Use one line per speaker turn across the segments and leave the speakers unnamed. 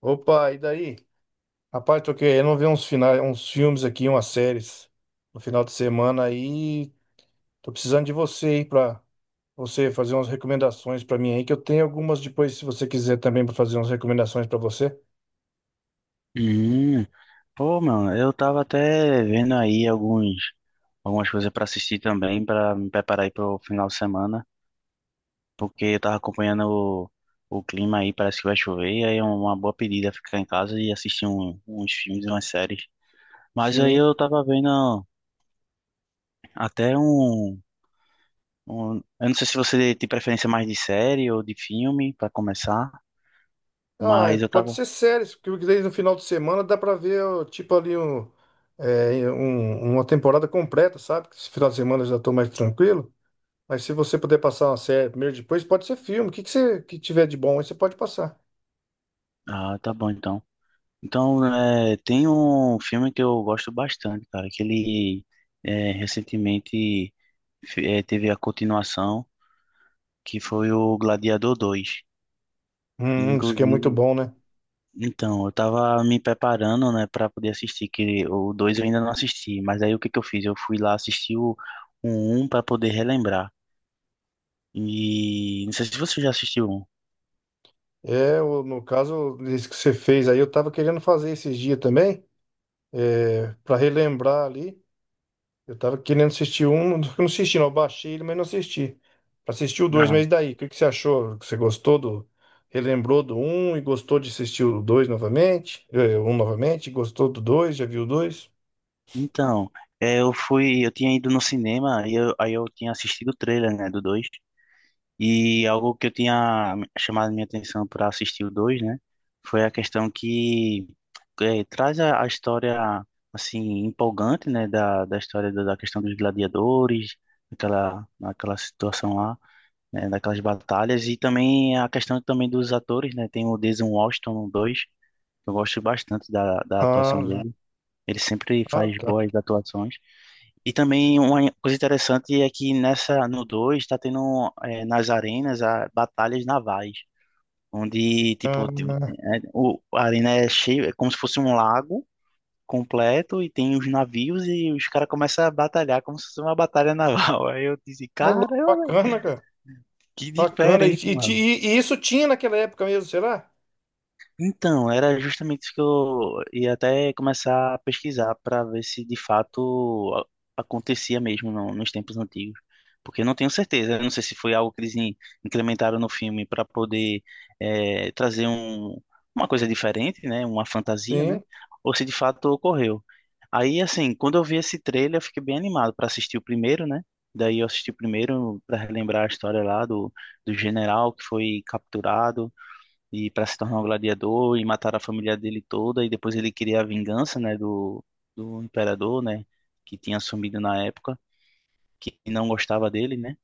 Opa, e daí? Rapaz, tô querendo ver uns finais, uns filmes aqui, umas séries no final de semana aí. Tô precisando de você aí pra você fazer umas recomendações pra mim aí, que eu tenho algumas depois, se você quiser também pra fazer umas recomendações pra você.
Hum, Pô, mano, eu tava até vendo algumas coisas pra assistir também, pra me preparar aí pro final de semana, porque eu tava acompanhando o clima aí, parece que vai chover, e aí é uma boa pedida ficar em casa e assistir uns filmes e umas séries. Mas aí
Sim.
eu tava vendo até eu não sei se você tem preferência mais de série ou de filme pra começar,
Ah,
mas eu
pode
tava,
ser séries, porque daí no final de semana dá pra ver, ó, tipo ali, um, é, uma temporada completa, sabe? Que Esse final de semana eu já tô mais tranquilo. Mas se você puder passar uma série primeiro, depois pode ser filme. O que que você que tiver de bom aí, você pode passar.
ah, tá bom então. Então, é, tem um filme que eu gosto bastante, cara, que ele é, recentemente é, teve a continuação, que foi o Gladiador dois.
Isso que é muito
Inclusive,
bom, né?
então, eu tava me preparando, né, para poder assistir, que o 2 eu ainda não assisti, mas aí o que que eu fiz? Eu fui lá assistir o 1 para poder relembrar. E não sei se você já assistiu o 1.
É, no caso, esse que você fez aí, eu tava querendo fazer esses dias também, pra relembrar ali. Eu tava querendo assistir um, não assisti, não. Eu baixei ele, mas não assisti. Pra assistir o dois,
Ah,
mas e daí? O que que você achou? Você gostou do. Relembrou do um e gostou de assistir o dois novamente? É, um novamente? Gostou do dois? Já viu o dois?
então, é, eu fui, eu tinha ido no cinema e eu, aí eu tinha assistido o trailer, né, do dois. E algo que eu tinha chamado minha atenção para assistir o 2, né? Foi a questão que eh, traz a história, assim, empolgante, né? Da história da questão dos gladiadores, aquela situação lá, né? Daquelas batalhas. E também a questão também dos atores, né? Tem o Denzel Washington no 2, que eu gosto bastante da atuação
Ah,
dele. Ele sempre
ah,
faz
tá.
boas atuações. E também uma coisa interessante é que nessa no 2 está tendo nas arenas batalhas navais, onde tipo, a arena é cheia, é como se fosse um lago completo e tem os navios e os caras começam a batalhar como se fosse uma batalha naval. Aí eu disse,
Ô,
cara,
louco, bacana, cara.
que
Bacana. E,
diferente, mano.
e isso tinha naquela época mesmo, será?
Então, era justamente isso que eu ia até começar a pesquisar para ver se de fato acontecia mesmo nos tempos antigos. Porque eu não tenho certeza, eu não sei se foi algo que eles incrementaram no filme para poder eh, trazer uma coisa diferente, né? Uma fantasia, né?
Sim,
Ou se de fato ocorreu. Aí, assim, quando eu vi esse trailer, eu fiquei bem animado para assistir o primeiro, né? Daí eu assisti o primeiro para relembrar a história lá do general que foi capturado e para se tornar um gladiador e matar a família dele toda e depois ele queria a vingança, né, do imperador, né, que tinha assumido na época, que não gostava dele, né?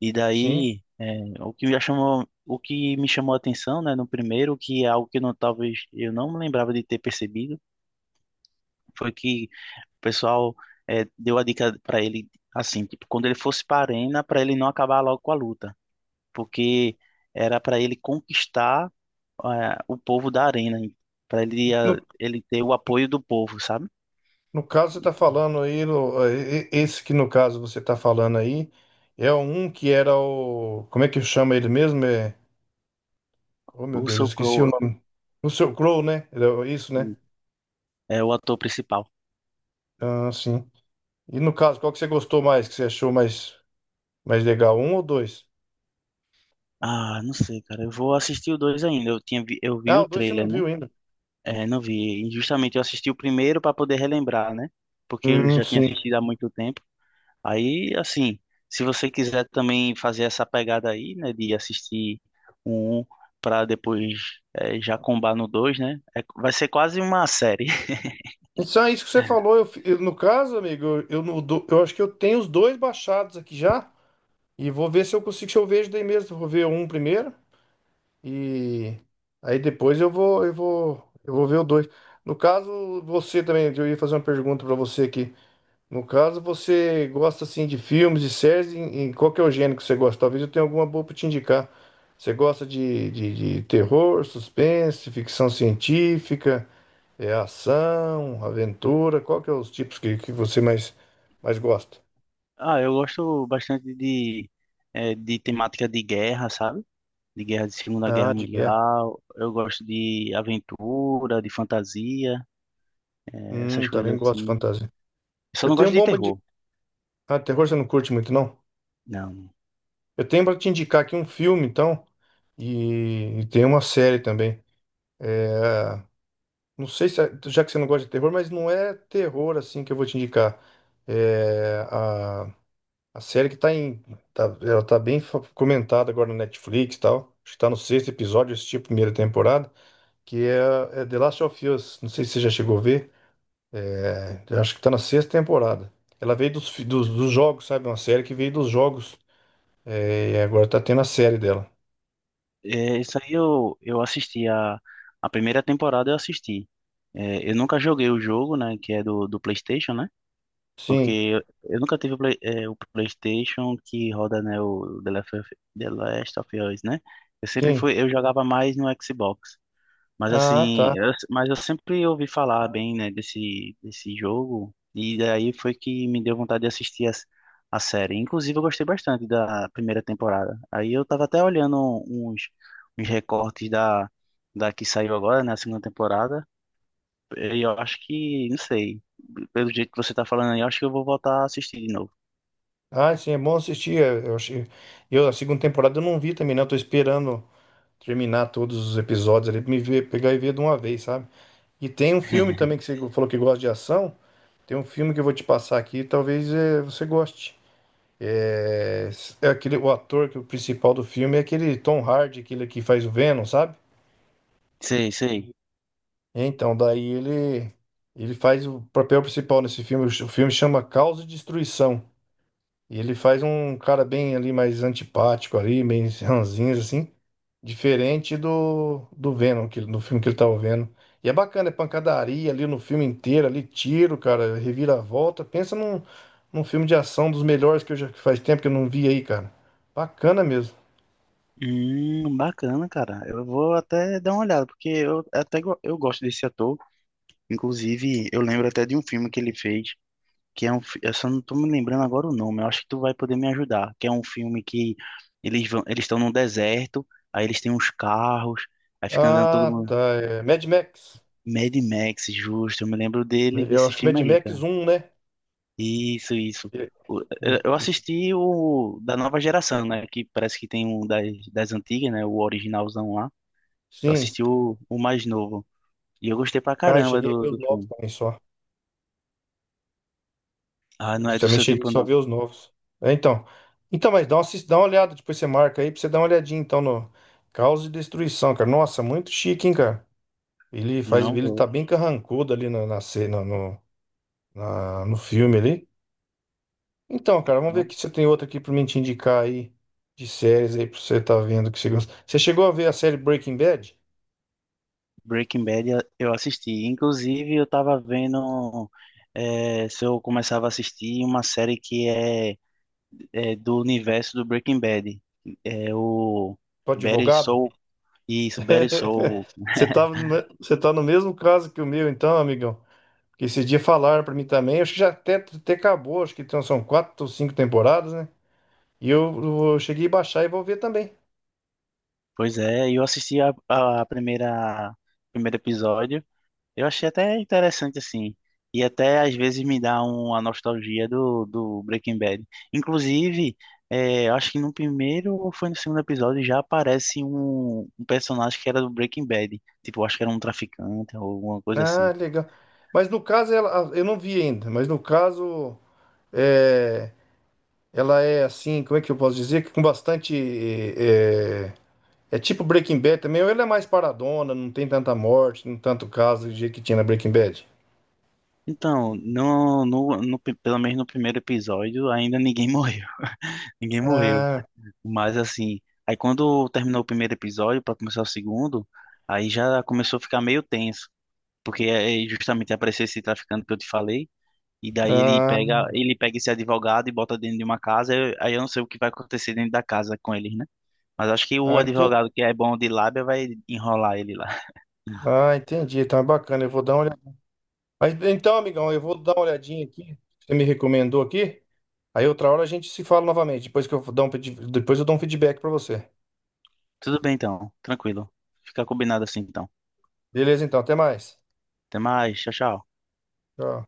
E
sim.
daí é, o que me chamou a atenção, né, no primeiro, que é algo que eu talvez eu não me lembrava de ter percebido, foi que o pessoal é, deu a dica para ele assim, tipo, quando ele fosse para a arena, para ele não acabar logo com a luta, porque era para ele conquistar é, o povo da arena, para ele, é,
No,
ele ter o apoio do povo, sabe?
no caso, você está falando aí, esse que no caso você está falando aí, é um que era o. Como é que chama ele mesmo? É, oh, meu
O
Deus, eu
Russell
esqueci o
Crowe
nome. O seu Crow, né? Era isso, né?
é o ator principal.
Ah, sim. E no caso, qual que você gostou mais, que você achou mais, mais legal? Um ou dois?
Ah, não sei, cara. Eu vou assistir o dois ainda. Eu vi
Ah,
o
o dois você não
trailer, né?
viu ainda.
É, não vi. E justamente eu assisti o primeiro para poder relembrar, né? Porque eu já tinha
Sim.
assistido há muito tempo. Aí, assim, se você quiser também fazer essa pegada aí, né, de assistir o um para depois é, já combar no dois, né? É, vai ser quase uma série.
Isso é isso que você falou. No caso, amigo, eu, no do- eu acho que eu tenho os dois baixados aqui já. E vou ver se eu consigo, se eu vejo daí mesmo. Vou ver um primeiro e aí depois eu vou ver o dois. No caso, você também, eu ia fazer uma pergunta pra você aqui. No caso, você gosta assim de filmes, de séries, em qual que é o gênero que você gosta? Talvez eu tenha alguma boa pra te indicar. Você gosta de terror, suspense, ficção científica, é, ação, aventura? Qual que é os tipos que você mais, mais gosta?
Ah, eu gosto bastante de, de temática de guerra, sabe? De guerra de Segunda
Ah,
Guerra
de guerra.
Mundial. Eu gosto de aventura, de fantasia, eh, essas coisas
Também gosto de
assim.
fantasia.
Só
Eu
não
tenho
gosto
um
de
bom pra
terror,
ah, terror você não curte muito, não?
não.
Eu tenho pra te indicar aqui um filme, então, e tem uma série também. É, não sei se, é- já que você não gosta de terror, mas não é terror assim que eu vou te indicar. É, a série que tá em. Ela tá bem comentada agora no Netflix e tal. Acho que tá no sexto episódio, eu assisti a primeira temporada, é The Last of Us. Não sei se você já chegou a ver. É, acho que tá na sexta temporada. Ela veio dos jogos, sabe? Uma série que veio dos jogos. É, e agora tá tendo a série dela.
Eh, isso aí eu assisti a primeira temporada, eu assisti. Eh, eu nunca joguei o jogo, né? Que é do PlayStation, né? Porque
Sim,
eu nunca tive o PlayStation que roda, né? O The Last of Us, né? Eu sempre
sim.
fui, eu jogava mais no Xbox. Mas
Ah,
assim,
tá.
eu, mas eu sempre ouvi falar bem, né, desse jogo, e daí foi que me deu vontade de assistir a série. Inclusive, eu gostei bastante da primeira temporada. Aí eu tava até olhando uns, uns recortes da que saiu agora, né, a segunda temporada, e eu acho que, não sei, pelo jeito que você tá falando aí, eu acho que eu vou voltar a assistir de novo.
Ah, sim, é bom assistir. É, eu achei... eu, a segunda temporada eu não vi também, não. Eu tô esperando terminar todos os episódios ali pegar e ver de uma vez, sabe? E tem um filme também que você falou que gosta de ação. Tem um filme que eu vou te passar aqui, talvez é, você goste. É, é aquele, o ator que o principal do filme é aquele Tom Hardy, aquele que faz o Venom, sabe?
Sei, sei.
Então, daí ele faz o papel principal nesse filme. O filme chama Caos e Destruição. E ele faz um cara bem ali mais antipático ali, bem ranzinhos assim, diferente do Venom, que, do filme que ele tava vendo. E é bacana, é pancadaria ali no filme inteiro, ali tiro, cara, reviravolta. Pensa num filme de ação dos melhores que eu já que faz tempo que eu não vi aí, cara. Bacana mesmo.
Bacana, cara. Eu vou até dar uma olhada, porque eu até eu gosto desse ator. Inclusive, eu lembro até de um filme que ele fez, que é um, eu só não tô me lembrando agora o nome, eu acho que tu vai poder me ajudar, que é um filme que eles vão, eles estão num deserto, aí eles têm uns carros, aí fica andando todo
Ah,
mundo.
tá, é Mad Max.
Mad Max, justo, eu me lembro dele,
Eu
desse
acho que Mad
filme aí, cara.
Max um, né?
Isso, isso.
Ele- ele-
Eu assisti o da nova geração, né, que parece que tem um das, das antigas, né, o originalzão lá. Eu
Sim.
assisti o mais novo, e eu gostei pra
Ah, eu
caramba
cheguei a ver os
do
novos
filme.
também só.
Ah, não
Eu
é do
também
seu
cheguei
tempo,
só a
não.
ver os novos. É, então. Então, mas dá uma, dá uma olhada, depois você marca aí pra você dar uma olhadinha, então, no Caos e Destruição, cara. Nossa, muito chique, hein, cara?
Não
Ele tá
vou.
bem carrancudo ali na cena, no, no filme ali. Então, cara, vamos ver aqui se você tem outra aqui pra mim te indicar aí, de séries aí, pra você tá vendo que você gosta. Você chegou a ver a série Breaking Bad?
Breaking Bad eu assisti. Inclusive, eu tava vendo se eu começava a assistir uma série que é, é do universo do Breaking Bad. É o
Do
Better
advogado?
Soul. Isso, Better Soul.
Você tá, você tá no mesmo caso que o meu, então, amigão. Porque esse dia falaram pra mim também, acho que já até, até acabou, acho que então são quatro ou cinco temporadas, né? E eu cheguei a baixar e vou ver também.
Pois é, eu assisti a primeira primeiro episódio. Eu achei até interessante, assim. E até às vezes me dá uma nostalgia do Breaking Bad. Inclusive, é, eu acho que no primeiro ou foi no segundo episódio já aparece um personagem que era do Breaking Bad. Tipo, eu acho que era um traficante ou alguma coisa assim.
Ah, legal. Mas no caso, ela, eu não vi ainda, mas no caso, é, ela é assim, como é que eu posso dizer? Que Com bastante. É tipo Breaking Bad também, ou ela é mais paradona, não tem tanta morte, não tanto caso do jeito que tinha na Breaking Bad.
Então, pelo menos no primeiro episódio, ainda ninguém morreu. Ninguém morreu.
Ah,
Mas assim, aí quando terminou o primeiro episódio para começar o segundo, aí já começou a ficar meio tenso, porque é justamente aparecer esse traficante que eu te falei, e daí
ah,
ele pega esse advogado e bota dentro de uma casa, aí eu não sei o que vai acontecer dentro da casa com eles, né? Mas acho que o
ah,
advogado que é bom de lábia vai enrolar ele lá.
ah, entendi. Tá bacana, eu vou dar uma mas, então, amigão, eu vou dar uma olhadinha aqui que você me recomendou aqui. Aí outra hora a gente se fala novamente. Depois que eu dar um, depois eu dou um feedback pra você.
Tudo bem então, tranquilo. Fica combinado assim então.
Beleza, então, até mais.
Até mais, tchau, tchau.
Tchau.